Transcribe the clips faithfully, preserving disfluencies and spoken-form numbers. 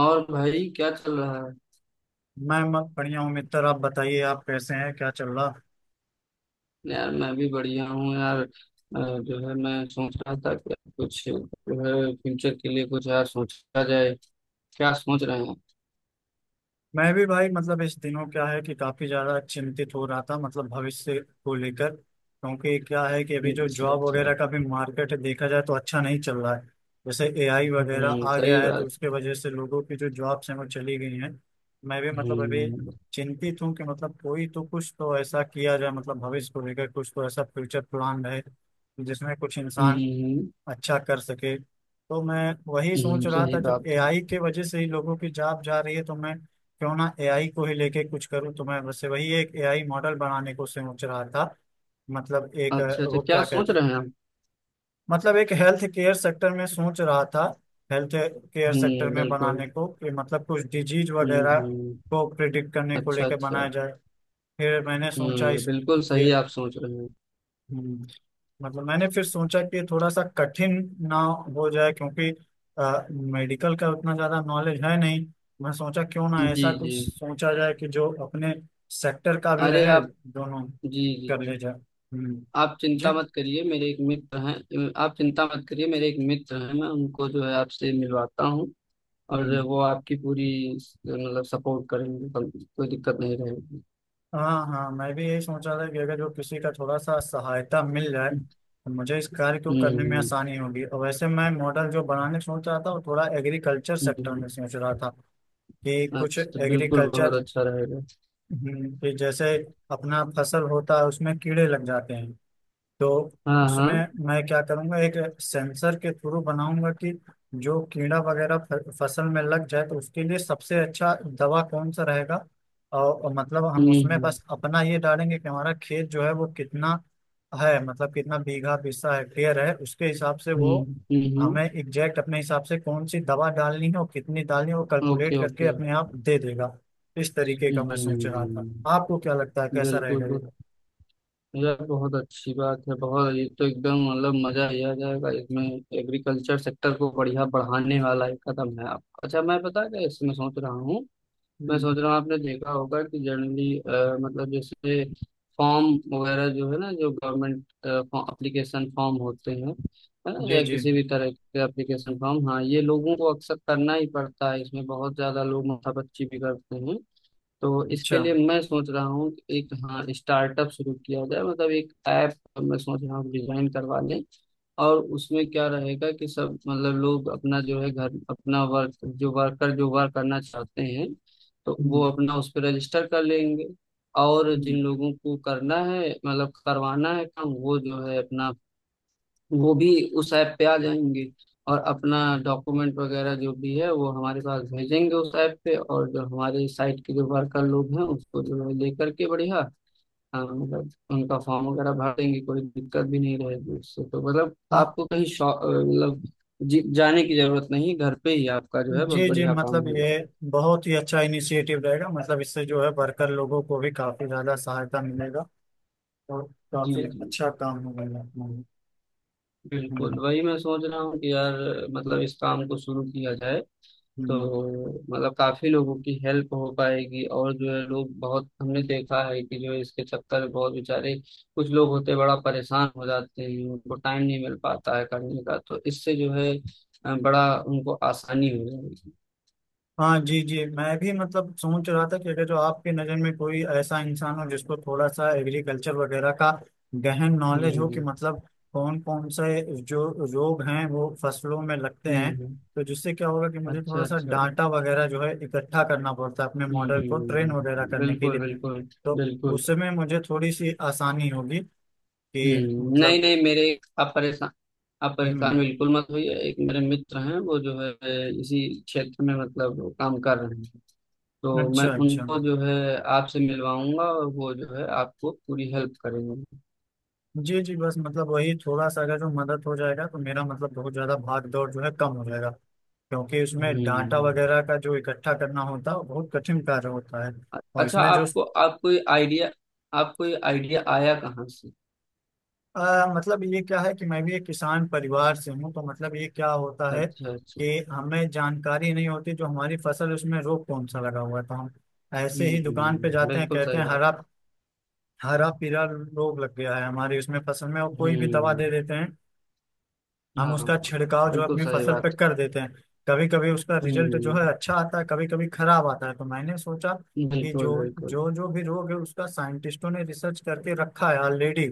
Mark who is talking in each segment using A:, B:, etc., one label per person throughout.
A: और भाई क्या चल रहा है?
B: मैं मत बढ़िया हूँ मित्र। आप बताइए, आप कैसे हैं, क्या चल रहा।
A: यार मैं भी बढ़िया हूँ यार। अ, जो है मैं सोच रहा था कि कुछ जो है फ्यूचर के लिए कुछ यार सोचा जाए। क्या सोच रहे हैं?
B: मैं भी भाई, मतलब इस दिनों क्या है कि काफी ज्यादा चिंतित हो रहा था, मतलब भविष्य को लेकर, क्योंकि क्या है कि अभी जो
A: अच्छा
B: जॉब
A: अच्छा।
B: वगैरह का भी मार्केट है, देखा जाए तो अच्छा नहीं चल रहा है। जैसे एआई वगैरह
A: हम्म,
B: आ गया
A: सही
B: है तो
A: बात।
B: उसके वजह से लोगों की जो जॉब्स हैं वो चली गई हैं। मैं भी मतलब अभी
A: हम्म
B: चिंतित हूँ कि मतलब कोई तो, कुछ तो ऐसा किया जाए, मतलब भविष्य को लेकर कुछ तो ऐसा फ्यूचर प्लान है जिसमें कुछ इंसान
A: हम्म।
B: अच्छा कर सके। तो मैं वही
A: हम्म,
B: सोच रहा
A: सही
B: था, जब
A: बात है।
B: एआई के वजह से ही लोगों की जॉब जा रही है तो मैं क्यों ना एआई को ही लेके कुछ करूँ। तो मैं वैसे वही एक एआई मॉडल बनाने को सोच रहा था। मतलब एक अ,
A: अच्छा अच्छा,
B: वो
A: क्या
B: क्या
A: सोच
B: कहते हैं।
A: रहे हैं आप?
B: मतलब एक हेल्थ केयर सेक्टर में सोच रहा था। हेल्थ केयर सेक्टर
A: हम्म,
B: में बनाने
A: बिल्कुल।
B: को, कि मतलब कुछ डिजीज
A: हम्म
B: वगैरह
A: हम्म।
B: को प्रिडिक्ट करने को
A: अच्छा
B: लेकर
A: अच्छा।
B: बनाया जाए। फिर मैंने सोचा
A: हम्म,
B: इस
A: बिल्कुल सही आप सोच रहे हैं।
B: ये मतलब मैंने फिर सोचा कि थोड़ा सा कठिन ना हो जाए, क्योंकि मेडिकल का उतना ज्यादा नॉलेज है नहीं। मैं सोचा क्यों ना
A: जी
B: ऐसा
A: जी।
B: कुछ सोचा जाए कि जो अपने सेक्टर का भी
A: अरे
B: रहे,
A: आप।
B: दोनों
A: जी
B: कर ले
A: जी।
B: जाए। हम्म।
A: आप चिंता
B: जी।
A: मत करिए, मेरे एक मित्र हैं। आप चिंता मत करिए, मेरे एक मित्र हैं। मैं उनको जो है आपसे मिलवाता हूँ। और
B: हम्म।
A: वो आपकी पूरी मतलब सपोर्ट करेंगे, कोई कोई दिक्कत नहीं रहेगी।
B: हाँ हाँ, मैं भी यही सोचा था कि अगर जो किसी का थोड़ा सा सहायता मिल जाए तो मुझे इस कार्य को करने में
A: हम्म,
B: आसानी होगी, और वैसे मैं मॉडल जो बनाने सोच रहा था वो थोड़ा एग्रीकल्चर सेक्टर
A: हम्म,
B: में सोच रहा था। कि कुछ
A: अच्छा बिल्कुल बहुत
B: एग्रीकल्चर,
A: अच्छा रहेगा।
B: हम्म, कि जैसे अपना फसल होता है उसमें कीड़े लग जाते हैं। तो
A: हाँ हाँ।
B: उसमें मैं क्या करूंगा, एक सेंसर के थ्रू बनाऊंगा कि जो कीड़ा वगैरह फ- फसल में लग जाए तो उसके लिए सबसे अच्छा दवा कौन सा रहेगा। और, और मतलब
A: हम्म
B: हम उसमें
A: हम्म।
B: बस अपना ये डालेंगे कि हमारा खेत जो है वो कितना है, मतलब कितना बीघा बीसा हेक्टेयर है, उसके हिसाब से
A: हम्म
B: वो
A: हम्म, हम्म,
B: हमें एग्जैक्ट अपने हिसाब से कौन सी दवा डालनी है और कितनी डालनी है, वो कैलकुलेट
A: ओके
B: करके
A: ओके।
B: अपने आप दे देगा। इस तरीके का मैं सोच रहा था।
A: हम्म,
B: आपको क्या लगता है, कैसा रहेगा ये?
A: बिल्कुल। यार बहुत अच्छी बात है, बहुत ये तो एकदम मतलब मजा ही आ जाएगा इसमें। एग्रीकल्चर सेक्टर को बढ़िया बढ़ाने वाला एक कदम है आप। अच्छा, मैं पता क्या इसमें सोच रहा हूँ। मैं
B: हम्म।
A: सोच रहा हूँ आपने देखा होगा कि जनरली मतलब जैसे फॉर्म वगैरह जो है ना, जो गवर्नमेंट एप्लीकेशन फॉर्म होते हैं, है ना?
B: जी
A: या
B: जी।
A: किसी भी तरह के एप्लीकेशन फॉर्म। हाँ, ये लोगों को अक्सर करना ही पड़ता है, इसमें बहुत ज्यादा लोग माथापच्ची भी करते हैं। तो
B: अच्छा।
A: इसके लिए मैं सोच रहा हूँ कि एक हाँ स्टार्टअप शुरू किया जाए, मतलब एक ऐप मैं सोच रहा हूँ डिजाइन करवा लें। और उसमें क्या रहेगा कि सब मतलब लोग अपना जो है घर अपना वर्क जो वर्कर जो वर्क करना चाहते हैं तो वो
B: हम्म,
A: अपना उस पर रजिस्टर कर लेंगे। और जिन
B: हम्म।
A: लोगों को करना है मतलब करवाना है काम, वो जो है अपना वो भी उस ऐप पे आ जाएंगे। और अपना डॉक्यूमेंट वगैरह जो भी है वो हमारे पास भेजेंगे उस ऐप पे और जो हमारे साइट के जो वर्कर लोग हैं उसको जो है लेकर के बढ़िया हाँ, मतलब उनका फॉर्म वगैरह भर देंगे, कोई दिक्कत भी नहीं रहेगी उससे। तो मतलब
B: हाँ
A: आपको कहीं शॉ- अ, मतलब जी- जाने की जरूरत नहीं, घर पे ही आपका जो है बहुत
B: जी जी,
A: बढ़िया काम
B: मतलब
A: हो
B: ये
A: जाएगा।
B: बहुत ही अच्छा इनिशिएटिव रहेगा, मतलब इससे जो है वर्कर लोगों को भी काफी ज्यादा सहायता मिलेगा और
A: जी
B: काफी
A: जी।
B: अच्छा काम होगा ये अपना।
A: बिल्कुल
B: हम्म
A: वही मैं सोच रहा हूँ कि यार मतलब इस काम को शुरू किया जाए। तो
B: हम्म।
A: मतलब काफी लोगों की हेल्प हो पाएगी और जो है लोग बहुत, हमने देखा है कि जो है इसके चक्कर में बहुत बेचारे कुछ लोग होते, बड़ा परेशान हो जाते हैं, उनको टाइम नहीं मिल पाता है करने का। तो इससे जो है अ, बड़ा उनको आसानी हो जाएगी।
B: हाँ जी जी, मैं भी मतलब सोच रहा था कि अगर जो आपकी नज़र में कोई ऐसा इंसान हो जिसको थोड़ा सा एग्रीकल्चर वगैरह का गहन नॉलेज हो, कि
A: हम्म
B: मतलब कौन कौन से जो रोग हैं वो फसलों में लगते
A: हम्म।
B: हैं,
A: हम्म।
B: तो जिससे क्या होगा कि मुझे
A: अच्छा
B: थोड़ा सा
A: अच्छा।
B: डाटा वगैरह जो है इकट्ठा करना पड़ता है अपने मॉडल को ट्रेन वगैरह
A: हम्म,
B: करने के
A: बिल्कुल
B: लिए,
A: बिल्कुल
B: तो
A: बिल्कुल।
B: उसमें मुझे थोड़ी सी आसानी होगी, कि
A: हम्म, नहीं
B: मतलब।
A: नहीं मेरे, आप परेशान, आप
B: हम्म।
A: परेशान बिल्कुल मत होइए। एक मेरे मित्र हैं वो जो है इसी क्षेत्र में मतलब काम कर रहे हैं। तो मैं
B: अच्छा अच्छा।
A: उनको जो है आपसे मिलवाऊंगा और वो जो है आपको पूरी हेल्प करेंगे।
B: जी जी बस, मतलब वही थोड़ा सा अगर जो मदद हो जाएगा तो मेरा मतलब बहुत ज्यादा भाग दौड़ जो है कम हो जाएगा, क्योंकि इसमें डाटा
A: हम्म।
B: वगैरह का जो इकट्ठा करना होता है वो बहुत कठिन कार्य होता है।
A: अ-
B: और
A: अच्छा,
B: इसमें जो
A: आपको आपको ये आइडिया, आपको ये आइडिया आया कहाँ से?
B: अ, मतलब ये क्या है कि मैं भी एक किसान परिवार से हूँ, तो मतलब ये क्या होता है
A: अच्छा अच्छा।
B: कि हमें जानकारी नहीं होती जो हमारी फसल है, उसमें रोग कौन सा लगा हुआ है, तो हम ऐसे ही दुकान पे
A: हम्म,
B: जाते हैं,
A: बिल्कुल
B: कहते
A: सही
B: हैं
A: बात।
B: हरा हरा पीला रोग लग गया है हमारी उसमें फसल में, और कोई भी दवा
A: हम्म।
B: दे देते हैं। हम
A: हाँ,
B: उसका छिड़काव जो है
A: बिल्कुल
B: अपनी
A: सही
B: फसल
A: बात।
B: पे कर देते हैं। कभी कभी उसका रिजल्ट जो
A: हम्म,
B: है अच्छा आता है, कभी कभी खराब आता है। तो मैंने सोचा कि जो
A: बिल्कुल बिल्कुल।
B: जो जो भी रोग है उसका साइंटिस्टों ने रिसर्च करके रखा है ऑलरेडी।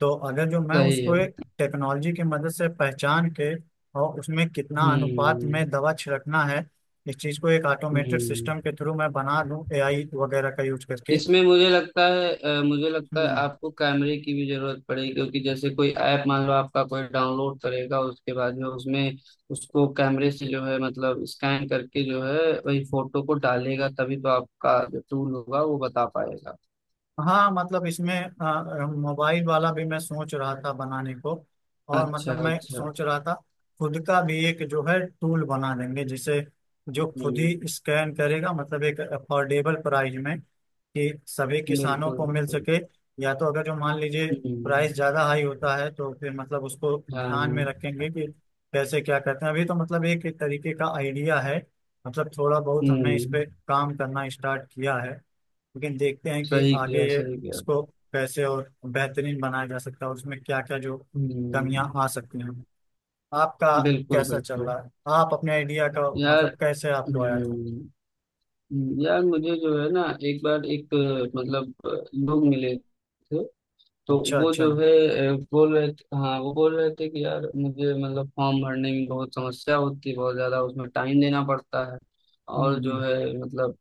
B: तो अगर जो मैं
A: सही है।
B: उसको टेक्नोलॉजी की मदद से पहचान के, और उसमें कितना अनुपात में
A: हम्म
B: दवा छिड़कना है, इस चीज को एक ऑटोमेटेड
A: हम्म।
B: सिस्टम के थ्रू मैं बना लूं एआई वगैरह का यूज करके।
A: इसमें मुझे लगता है अ, मुझे लगता है आपको कैमरे की भी जरूरत पड़ेगी, क्योंकि जैसे कोई ऐप मान लो आपका कोई डाउनलोड करेगा उसके बाद में उसमें उसको कैमरे से जो है मतलब स्कैन करके जो है वही फोटो को डालेगा, तभी तो आपका जो टूल होगा वो बता पाएगा।
B: हाँ, मतलब इसमें अ, मोबाइल वाला भी मैं सोच रहा था बनाने को। और
A: अच्छा
B: मतलब मैं
A: अच्छा।
B: सोच रहा था, खुद का भी एक जो है टूल बना देंगे जिसे जो खुद
A: हम्म,
B: ही स्कैन करेगा, मतलब एक अफोर्डेबल प्राइस में कि सभी किसानों
A: बिल्कुल
B: को मिल
A: बिल्कुल।
B: सके। या तो अगर जो मान लीजिए
A: हम्म,
B: प्राइस ज्यादा हाई होता है तो फिर मतलब उसको
A: हाँ
B: ध्यान में
A: हाँ।
B: रखेंगे कि कैसे क्या करते हैं। अभी तो मतलब एक तरीके का आइडिया है, मतलब थोड़ा बहुत हमने इस
A: हम्म,
B: पे काम करना स्टार्ट किया है। लेकिन देखते हैं कि
A: सही
B: आगे
A: किया सही किया।
B: इसको कैसे और बेहतरीन बनाया जा सकता है, और उसमें क्या क्या जो कमियां
A: हम्म,
B: आ सकती हैं। आपका
A: बिल्कुल
B: कैसा चल
A: बिल्कुल।
B: रहा है? आप अपने आइडिया का
A: यार,
B: मतलब कैसे आपको आया था?
A: हम्म, यार मुझे जो है ना, एक बार एक अ, मतलब अ, लोग मिले थे, तो
B: अच्छा
A: वो
B: अच्छा।
A: जो
B: हम्म
A: है अ, बोल रहे थे, हाँ वो बोल रहे थे कि यार मुझे मतलब फॉर्म भरने में बहुत समस्या होती है, बहुत ज़्यादा उसमें टाइम देना पड़ता है। और जो
B: हम्म।
A: है मतलब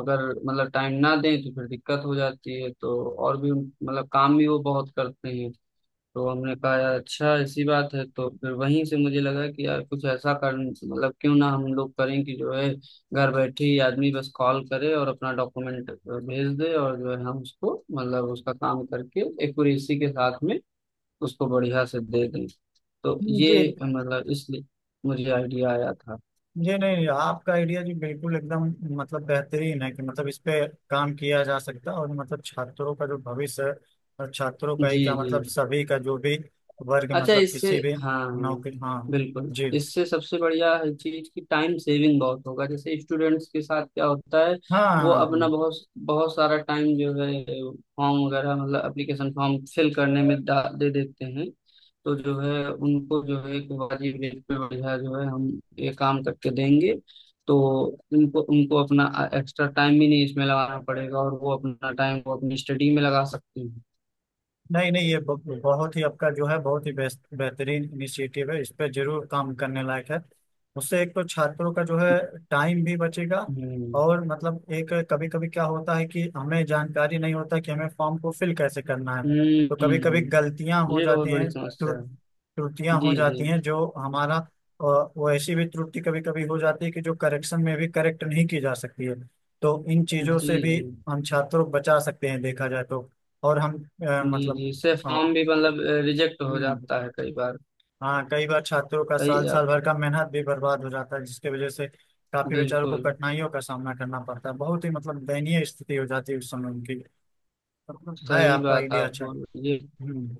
A: अगर मतलब टाइम ना दें तो फिर दिक्कत हो जाती है। तो और भी मतलब काम भी वो बहुत करते हैं। तो हमने कहा यार अच्छा ऐसी बात है, तो फिर वहीं से मुझे लगा कि यार कुछ ऐसा कर मतलब क्यों ना हम लोग करें कि जो है घर बैठे ही आदमी बस कॉल करे और अपना डॉक्यूमेंट भेज दे और जो है हम उसको मतलब उसका काम करके एक्यूरेसी के साथ में उसको बढ़िया से दे दें। तो
B: जी
A: ये मतलब इसलिए मुझे आइडिया आया था।
B: जी। नहीं, आपका आइडिया जी बिल्कुल एकदम, मतलब बेहतरीन है, कि मतलब इस पे काम किया जा सकता है, और मतलब छात्रों का जो भविष्य है, और छात्रों
A: जी
B: का ही क्या,
A: जी।
B: मतलब सभी का जो भी वर्ग,
A: अच्छा,
B: मतलब
A: इससे
B: किसी भी
A: हाँ,
B: नौकरी। हाँ
A: बिल्कुल
B: जी।
A: इससे सबसे बढ़िया है चीज कि टाइम सेविंग बहुत होगा। जैसे स्टूडेंट्स के साथ क्या होता है,
B: हाँ हाँ
A: वो अपना
B: हाँ।
A: बहुत बहुत सारा टाइम जो है फॉर्म वगैरह मतलब एप्लीकेशन फॉर्म फिल करने में डा- दे देते हैं। तो जो है उनको जो है कि वाजिब रेट पे बढ़िया जो है हम ये काम करके देंगे। तो उनको उनको अपना एक्स्ट्रा टाइम भी नहीं इसमें लगाना पड़ेगा और वो अपना टाइम वो अपनी स्टडी में लगा सकती हैं।
B: नहीं नहीं, ये ब- बहुत ही आपका जो है बहुत ही बेस्ट बेहतरीन इनिशिएटिव है, इस पे जरूर काम करने लायक है। उससे एक तो छात्रों का जो है टाइम भी बचेगा।
A: हम्म
B: और मतलब एक कभी कभी क्या होता है कि हमें जानकारी नहीं होता कि हमें फॉर्म को फिल कैसे करना है, तो कभी कभी
A: हम्म।
B: गलतियां हो
A: ये बहुत
B: जाती हैं,
A: बड़ी समस्या है।
B: त्रुटियां हो
A: जी जी।
B: जाती हैं। जो हमारा अ, वो ऐसी भी त्रुटि कभी कभी हो जाती है कि जो करेक्शन में भी करेक्ट नहीं की जा सकती है, तो इन
A: जी
B: चीजों से भी
A: जी।
B: हम छात्रों को बचा सकते हैं, देखा जाए तो। और हम अ,
A: जी
B: मतलब
A: जी, इससे
B: अ,
A: फॉर्म भी मतलब रिजेक्ट हो
B: हम्म।
A: जाता है कई बार।
B: हाँ, कई बार छात्रों का
A: सही
B: साल साल
A: आप।
B: भर का मेहनत भी बर्बाद हो जाता है, जिसके वजह से काफी बेचारों को
A: बिल्कुल
B: कठिनाइयों का सामना करना पड़ता है, बहुत ही मतलब दयनीय स्थिति हो जाती है उस समय उनकी, मतलब है,
A: सही
B: आपका
A: बात
B: आइडिया
A: आप
B: अच्छा।
A: बोल रहे हैं। ये
B: हम्म।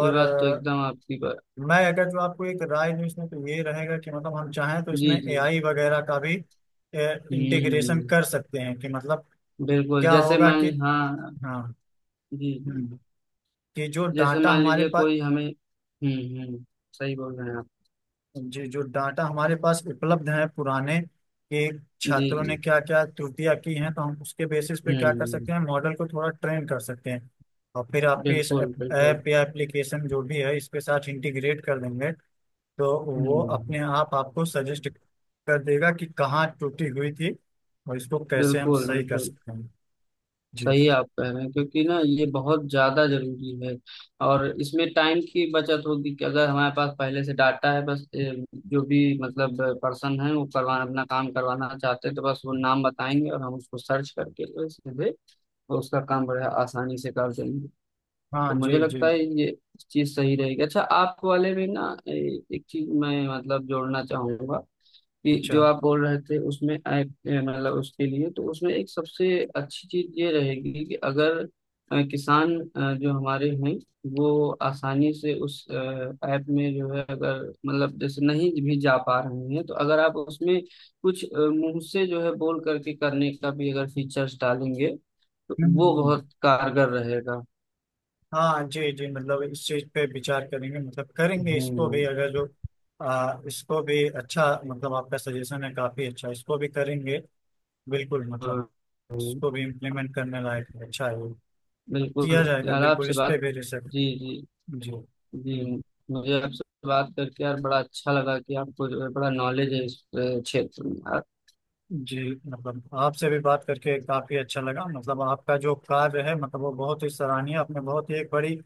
A: ये बात तो एकदम आपकी बात।
B: मैं अगर जो आपको एक राय दूं इसमें तो ये रहेगा कि मतलब हम चाहें तो इसमें
A: जी जी।
B: एआई वगैरह का भी इंटीग्रेशन
A: हम्म,
B: कर सकते हैं, कि मतलब
A: बिल्कुल
B: क्या
A: जैसे
B: होगा कि,
A: मान हाँ।
B: हाँ,
A: जी जी।
B: हम्म, कि जो
A: जैसे
B: डाटा
A: मान
B: हमारे
A: लीजिए
B: पास।
A: कोई हमें, हम्म हम्म, सही बोल रहे हैं आप।
B: जी, जो डाटा हमारे पास उपलब्ध है पुराने, कि
A: जी
B: छात्रों ने
A: जी।
B: क्या क्या त्रुटियां की हैं, तो हम उसके बेसिस पे क्या कर
A: हम्म,
B: सकते हैं, मॉडल को थोड़ा ट्रेन कर सकते हैं और फिर आपके इस
A: बिल्कुल बिल्कुल।
B: ऐप या एप्लीकेशन जो भी है इसके साथ इंटीग्रेट कर देंगे। तो वो अपने
A: हम्म,
B: आप आपको सजेस्ट कर देगा कि कहाँ टूटी हुई थी और इसको कैसे हम
A: बिल्कुल
B: सही कर
A: बिल्कुल।
B: सकते हैं। जी।
A: सही आप कह रहे हैं क्योंकि ना ये बहुत ज्यादा जरूरी है। और इसमें टाइम की बचत होगी कि अगर हमारे पास पहले से डाटा है, बस ए, जो भी मतलब पर्सन है वो करवा अपना काम करवाना चाहते हैं तो बस वो नाम बताएंगे और हम उसको सर्च करके जो सीधे उसका काम बड़े आसानी से कर देंगे। तो
B: हाँ
A: मुझे
B: जी जी।
A: लगता है ये चीज सही रहेगी। अच्छा, आप वाले में ना ए, एक चीज मैं मतलब जोड़ना चाहूंगा कि
B: अच्छा।
A: जो आप बोल रहे थे उसमें ऐप ए, मतलब उसके लिए तो उसमें एक सबसे अच्छी चीज ये रहेगी कि अगर अ, किसान अ, जो हमारे हैं वो आसानी से उस ऐप में जो है अगर मतलब जैसे नहीं भी जा पा रहे हैं तो अगर आप उसमें कुछ अ, मुंह से जो है बोल करके करने का भी अगर फीचर्स डालेंगे तो
B: हम्म
A: वो
B: हम्म।
A: बहुत कारगर रहेगा।
B: हाँ जी जी, मतलब इस चीज पे विचार करेंगे, मतलब करेंगे इसको भी,
A: हम्म।
B: अगर जो आ, इसको भी, अच्छा मतलब आपका सजेशन है काफी अच्छा, इसको भी करेंगे, बिल्कुल,
A: हाँ,
B: मतलब
A: हाँ,
B: इसको भी इम्प्लीमेंट करने लायक है, अच्छा है ये। किया
A: बिल्कुल
B: जाएगा
A: यार
B: बिल्कुल,
A: आपसे
B: इस पे
A: बात।
B: भी रिसर्च।
A: जी जी।
B: जी।
A: जी,
B: हम्म।
A: मुझे आपसे बात करके यार बड़ा अच्छा लगा कि आपको जो है बड़ा नॉलेज है इस अ, क्षेत्र में आ-
B: जी, मतलब आपसे भी बात करके काफी अच्छा लगा, मतलब आपका जो कार्य है, मतलब वो बहुत ही सराहनीय। आपने बहुत ही एक बड़ी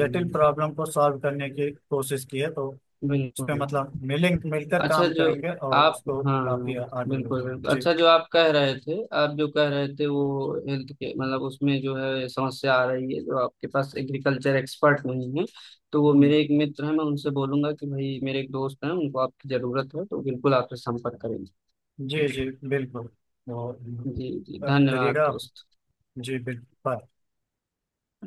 B: जटिल प्रॉब्लम को सॉल्व करने की कोशिश की है, तो उस पे
A: बिल्कुल।
B: मतलब मिलें मिलकर
A: अच्छा
B: काम
A: जो
B: करेंगे और
A: आप
B: उसको
A: हाँ,
B: काफी आगे ले
A: बिल्कुल
B: जाएंगे
A: बिल्कुल।
B: जी।
A: अच्छा जो आप कह रहे थे, आप जो कह रहे थे वो हेल्थ के मतलब उसमें जो है समस्या आ रही है जो आपके पास एग्रीकल्चर एक्सपर्ट नहीं है, तो वो
B: हम्म,
A: मेरे एक मित्र हैं, मैं उनसे बोलूंगा कि भाई मेरे एक दोस्त हैं उनको आपकी जरूरत है, तो बिल्कुल आपसे संपर्क करेंगे।
B: जी जी बिल्कुल। तो
A: जी जी,
B: अ,
A: धन्यवाद
B: करिएगा आप।
A: दोस्त।
B: जी बिल्कुल बाय।